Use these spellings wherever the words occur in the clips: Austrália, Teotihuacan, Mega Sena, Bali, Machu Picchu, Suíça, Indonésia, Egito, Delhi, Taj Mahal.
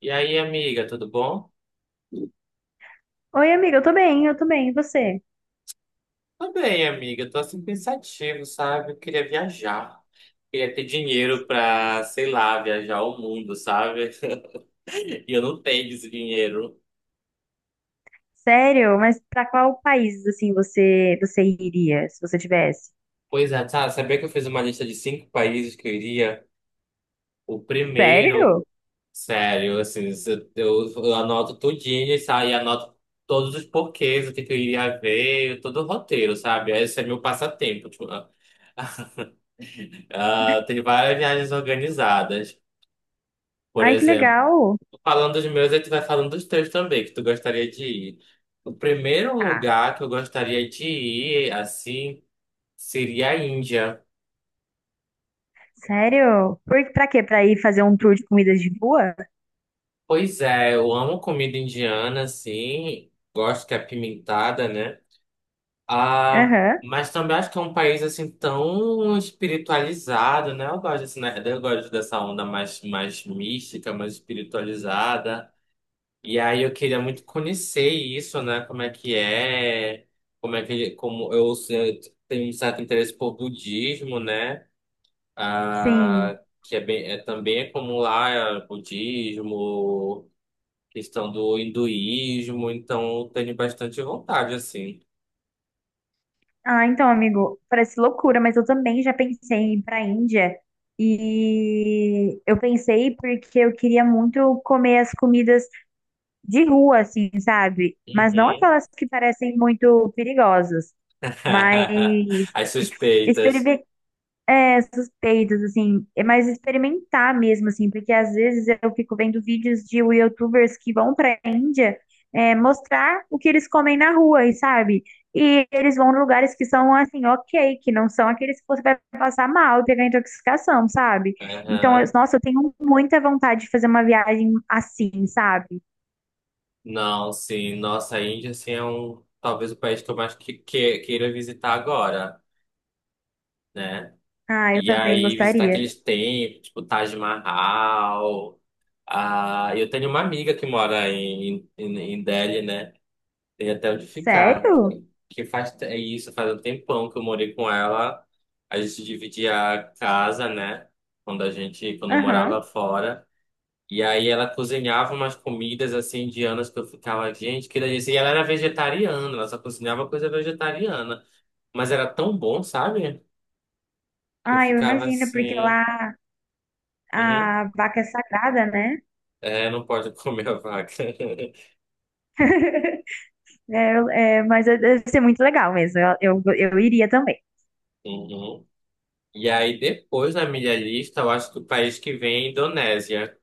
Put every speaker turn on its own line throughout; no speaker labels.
E aí, amiga, tudo bom?
Oi, amiga, eu tô bem. E você?
Tô bem, amiga. Tô assim pensativo, sabe? Eu queria viajar. Queria ter dinheiro pra, sei lá, viajar o mundo, sabe? E eu não tenho esse dinheiro.
Sério? Mas pra qual país, assim, você iria, se você tivesse?
Pois é, tá. Sabia que eu fiz uma lista de cinco países que eu iria? O primeiro,
Sério?
sério, assim, eu anoto tudinho e sabe? E anoto todos os porquês, o que, que eu iria ver, todo o roteiro, sabe? Esse é meu passatempo. Tipo, ah, tem várias viagens organizadas. Por
Ai, que
exemplo.
legal.
Falando dos meus, a gente vai falando dos teus também, que tu gostaria de ir. O primeiro
Tá.
lugar que eu gostaria de ir, assim, seria a Índia.
Sério? Por, pra quê? Pra ir fazer um tour de comidas de rua?
Pois é, eu amo comida indiana, assim, gosto que é pimentada, né? Ah,
Aham,
mas também acho que é um país, assim, tão espiritualizado, né? Eu gosto, assim, né? Eu gosto dessa onda mais mística, mais espiritualizada. E aí eu queria muito conhecer isso, né? Como é que é, como é que, como eu tenho um certo interesse por budismo, né?
sim.
Ah, que é bem, é, também é como lá é budismo, questão do hinduísmo, então eu tenho bastante vontade, assim.
Ah, então, amigo, parece loucura, mas eu também já pensei em ir pra Índia. E eu pensei porque eu queria muito comer as comidas de rua, assim, sabe? Mas não
Uhum.
aquelas que parecem muito perigosas. Mas
As suspeitas.
experimentar suspeitos, assim, é mais experimentar mesmo, assim, porque às vezes eu fico vendo vídeos de YouTubers que vão para a Índia mostrar o que eles comem na rua, e sabe? E eles vão em lugares que são assim, ok, que não são aqueles que você vai passar mal e pegar intoxicação, sabe? Então,
Aham.
nossa, eu tenho muita vontade de fazer uma viagem assim, sabe?
Não, sim, nossa, a Índia, assim, é um, talvez o país que eu mais queira visitar agora, né?
Ah, eu
E
também
aí visitar
gostaria.
aqueles templos, tipo Taj Mahal. Ah, eu tenho uma amiga que mora em Delhi, né? Tem até onde ficar.
Sério?
Que isso, faz um tempão que eu morei com ela. A gente dividia a casa, né? Quando a gente, quando eu morava
Aham.
fora. E aí ela cozinhava umas comidas assim indianas que eu ficava, gente, que delícia. E ela era vegetariana, ela só cozinhava coisa vegetariana. Mas era tão bom, sabe? Que eu
Ah, eu
ficava
imagino, porque
assim.
lá
Uhum.
a vaca é sagrada, né?
É, não pode comer a vaca.
É, é, deve ser muito legal mesmo. Eu iria também.
Uhum. E aí, depois na minha lista, eu acho que o país que vem é a Indonésia.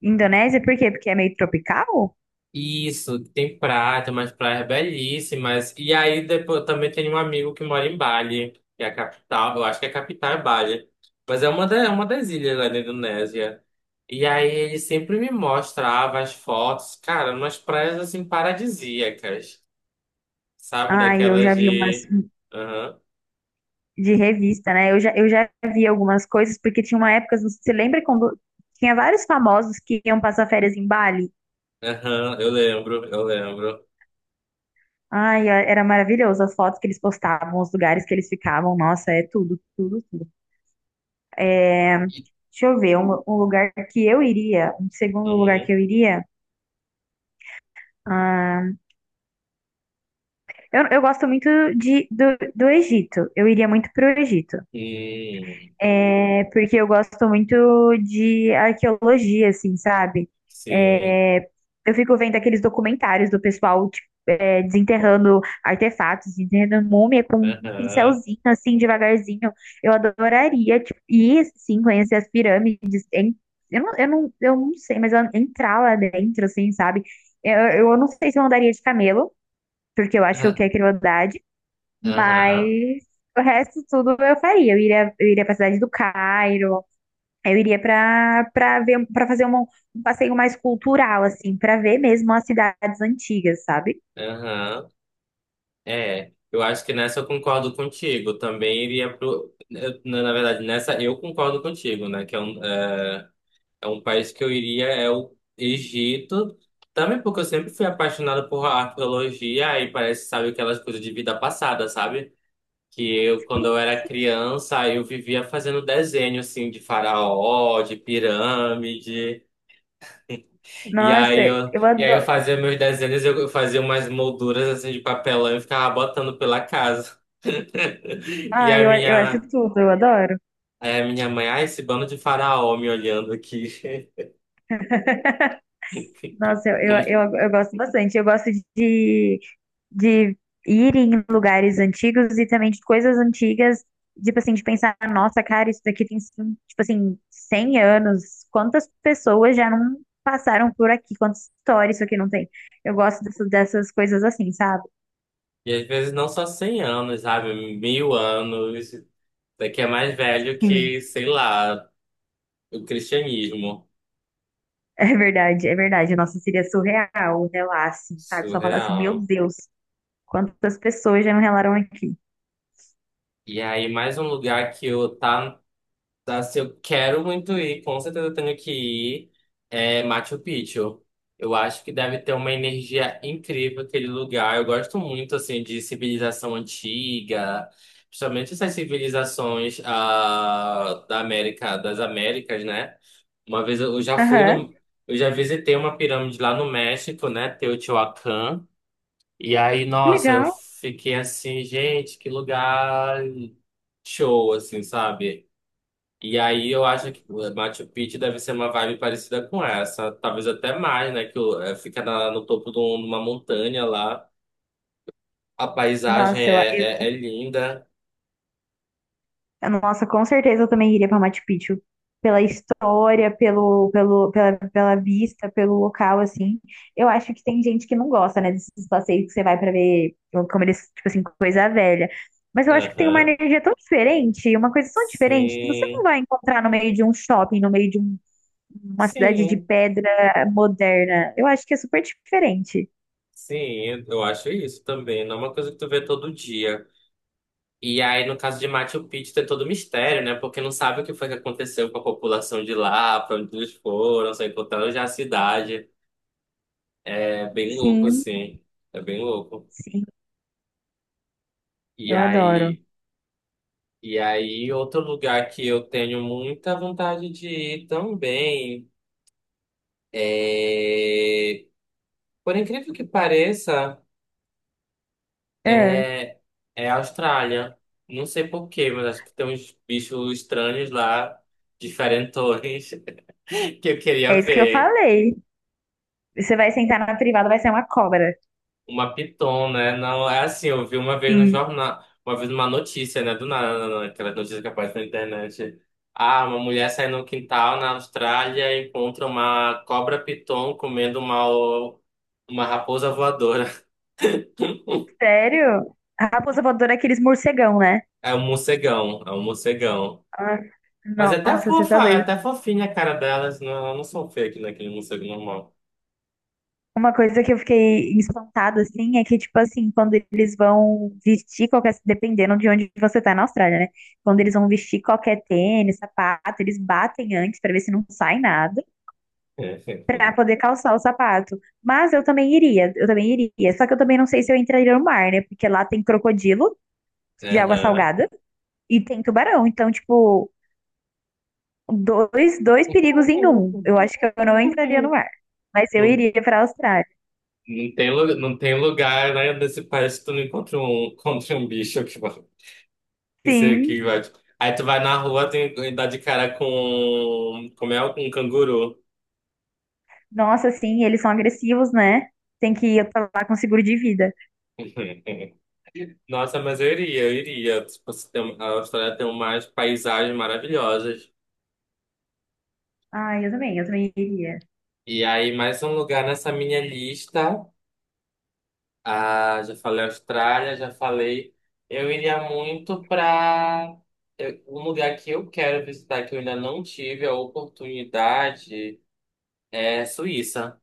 Indonésia, por quê? Porque é meio tropical?
Isso, tem praia, tem umas praias belíssimas. E aí, depois, eu também tenho um amigo que mora em Bali, que é a capital. Eu acho que é a capital é Bali. Mas é é uma das ilhas lá da Indonésia. E aí, ele sempre me mostrava as fotos, cara, umas praias assim paradisíacas, sabe?
Ai, eu
Daquelas
já vi umas
de. Aham,
de revista, né? Eu já vi algumas coisas, porque tinha uma época, você lembra quando tinha vários famosos que iam passar férias em Bali?
aham, eu lembro.
Ai, era maravilhoso as fotos que eles postavam, os lugares que eles ficavam. Nossa, é tudo, tudo, tudo. É, deixa eu ver, um lugar que eu iria, um segundo lugar que
Uhum.
eu iria. Ah, eu gosto muito do Egito. Eu iria muito pro Egito.
Hum,
É, porque eu gosto muito de arqueologia, assim, sabe?
sim.
Eu fico vendo aqueles documentários do pessoal, tipo, é, desenterrando artefatos, desenterrando múmia com um
Aham.
pincelzinho, assim, devagarzinho. Eu adoraria, tipo, ir, sim, conhecer as pirâmides. Eu não sei, mas entrar lá dentro, assim, sabe? Eu não sei se eu andaria de camelo, porque eu acho
Ah,
que é crueldade, mas
aham.
o resto tudo eu faria. Eu iria pra cidade do Cairo. Aí eu iria para ver para fazer um passeio mais cultural assim, para ver mesmo as cidades antigas, sabe?
Aham. É. Eu acho que nessa eu concordo contigo. Também iria pro. Na verdade, nessa eu concordo contigo, né? Que é um, é um país que eu iria, é o Egito. Também porque eu sempre fui apaixonado por arqueologia e parece, sabe, aquelas coisas de vida passada, sabe? Que eu, quando
Sim.
eu era criança, eu vivia fazendo desenho, assim, de faraó, de pirâmide. E
Nossa,
aí eu,
eu
e aí eu
adoro.
fazia meus desenhos, eu fazia umas molduras assim de papelão e ficava botando pela casa. E
Ah,
a
eu acho
minha,
tudo, eu adoro.
aí a minha mãe, ah, esse bando de faraó me olhando aqui.
Nossa, eu gosto bastante. Eu gosto de, de ir em lugares antigos e também de coisas antigas, tipo assim, de pensar, nossa, cara, isso daqui tem, tipo assim, 100 anos. Quantas pessoas já não passaram por aqui? Quantas histórias isso aqui não tem? Eu gosto dessas coisas assim, sabe?
E às vezes não só 100 anos, sabe? Mil anos. Isso aqui é mais velho
Sim.
que, sei lá, o cristianismo.
É verdade, é verdade. Nossa, seria surreal um relar assim, sabe? Só falar assim, meu
Surreal.
Deus, quantas pessoas já não relaram aqui.
E aí mais um lugar que eu tá tá, se eu quero muito ir, com certeza eu tenho que ir. É Machu Picchu. Eu acho que deve ter uma energia incrível aquele lugar. Eu gosto muito assim de civilização antiga, principalmente essas civilizações ah, da América, das Américas, né? Uma vez eu já fui
Aham,
no, eu já visitei uma pirâmide lá no México, né? Teotihuacan. E aí,
que
nossa, eu
legal.
fiquei assim, gente, que lugar show, assim, sabe? E aí eu acho que o Machu Picchu deve ser uma vibe parecida com essa, talvez até mais, né? É, fica no topo de uma montanha lá, a paisagem
Nossa,
é linda.
nossa, com certeza eu também iria para Machu Picchu. Pela história, pela vista, pelo local, assim. Eu acho que tem gente que não gosta, né, desses passeios que você vai para ver, como eles, tipo assim, coisa velha. Mas eu acho que tem uma
Aham.
energia tão diferente, uma coisa tão diferente, que você não
Sim,
vai encontrar no meio de um shopping, no meio de um... Uma cidade de
sim,
pedra moderna. Eu acho que é super diferente.
sim, eu acho isso também. Não é uma coisa que tu vê todo dia. E aí, no caso de Machu Picchu, tem todo o mistério, né? Porque não sabe o que foi que aconteceu com a população de lá, pra onde eles foram, só encontraram já a cidade. É bem louco,
Sim,
assim. É bem louco.
sim,
E
eu adoro.
aí. E aí, outro lugar que eu tenho muita vontade de ir também é, por incrível que pareça,
É,
é, é a Austrália. Não sei por quê, mas acho que tem uns bichos estranhos lá, diferentões, que eu
é
queria
isso que eu
ver.
falei. Você vai sentar na privada, vai ser uma cobra.
Uma piton, né? Não, é assim, eu vi uma vez no
Sim,
jornal, uma vez numa notícia, né? Do nada, aquelas notícias que aparece na internet. Ah, uma mulher sai no quintal na Austrália e encontra uma cobra piton comendo uma raposa voadora.
sério? A raposa voadora é aqueles morcegão, né?
É um morcegão.
Ah,
Mas é até
nossa, você
fofa,
tá
é
doido.
até fofinha a cara delas, não, elas não são fake naquele morcego normal.
Uma coisa que eu fiquei espantada, assim, é que, tipo assim, quando eles vão vestir qualquer... Dependendo de onde você tá na Austrália, né? Quando eles vão vestir qualquer tênis, sapato, eles batem antes pra ver se não sai nada, para poder calçar o sapato. Mas eu também iria. Só que eu também não sei se eu entraria no mar, né? Porque lá tem crocodilo de água
Aham.
salgada e tem tubarão. Então, tipo, dois perigos em um. Eu acho que eu não entraria no mar. Mas eu
Não
iria para a Austrália.
não tem, não tem lugar, né, nesse país que tu não encontra um, encontra um bicho que vai, que se-
Sim.
que vai. Aí tu vai na rua tem, e dá de cara com, como é, um canguru.
Nossa, sim, eles são agressivos, né? Tem que ir pra lá com seguro de vida.
Nossa, mas eu iria. Tipo, se tem- a Austrália tem umas paisagens maravilhosas.
Ah, eu também iria.
E aí, mais um lugar nessa minha lista. Ah, já falei Austrália, já falei. Eu iria muito para um lugar que eu quero visitar, que eu ainda não tive a oportunidade. É Suíça.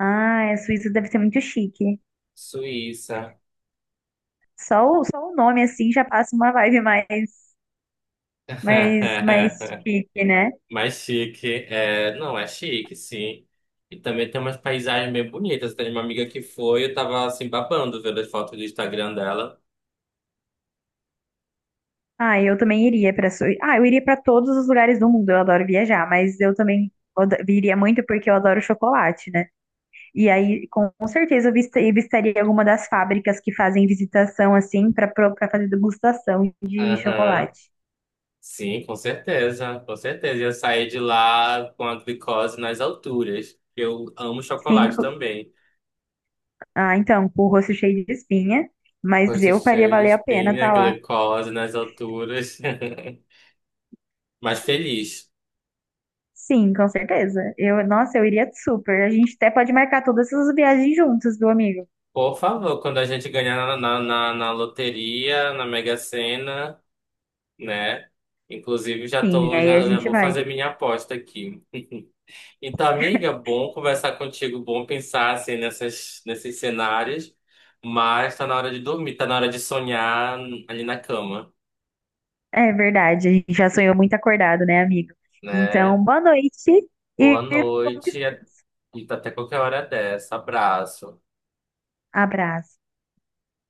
Ah, a Suíça deve ser muito chique.
Suíça.
Só o nome, assim, já passa uma vibe mais, mais chique, né?
Mais chique. É, não, é chique, sim. E também tem umas paisagens bem bonitas. Tem uma amiga que foi, eu tava assim babando vendo as fotos do Instagram dela.
Ah, eu também iria para... Ah, eu iria para todos os lugares do mundo. Eu adoro viajar, mas eu também iria muito porque eu adoro chocolate, né? E aí, com certeza, eu eu visitaria alguma das fábricas que fazem visitação assim para fazer degustação de
Aham.
chocolate.
Sim, com certeza, com certeza. Eu saí de lá com a glicose nas alturas. Eu amo chocolate
Cinco.
também.
Ah, então, com o rosto cheio de espinha, mas
Rosto
eu faria
cheio de
valer a pena
espinha,
estar lá.
glicose nas alturas. Mas feliz.
Sim, com certeza. Eu, nossa, eu iria super. A gente até pode marcar todas essas viagens juntos, do amigo.
Por favor, quando a gente ganhar na loteria, na Mega Sena, né? Inclusive,
Sim, aí a
já
gente
vou
vai.
fazer minha aposta aqui. Então, amiga, bom conversar contigo, bom pensar assim nessas, nesses cenários, mas tá na hora de dormir, tá na hora de sonhar ali na cama,
É verdade, a gente já sonhou muito acordado, né, amigo?
né?
Então, boa noite
Boa
e bom
noite
descanso.
e até qualquer hora dessa. Abraço.
Abraço.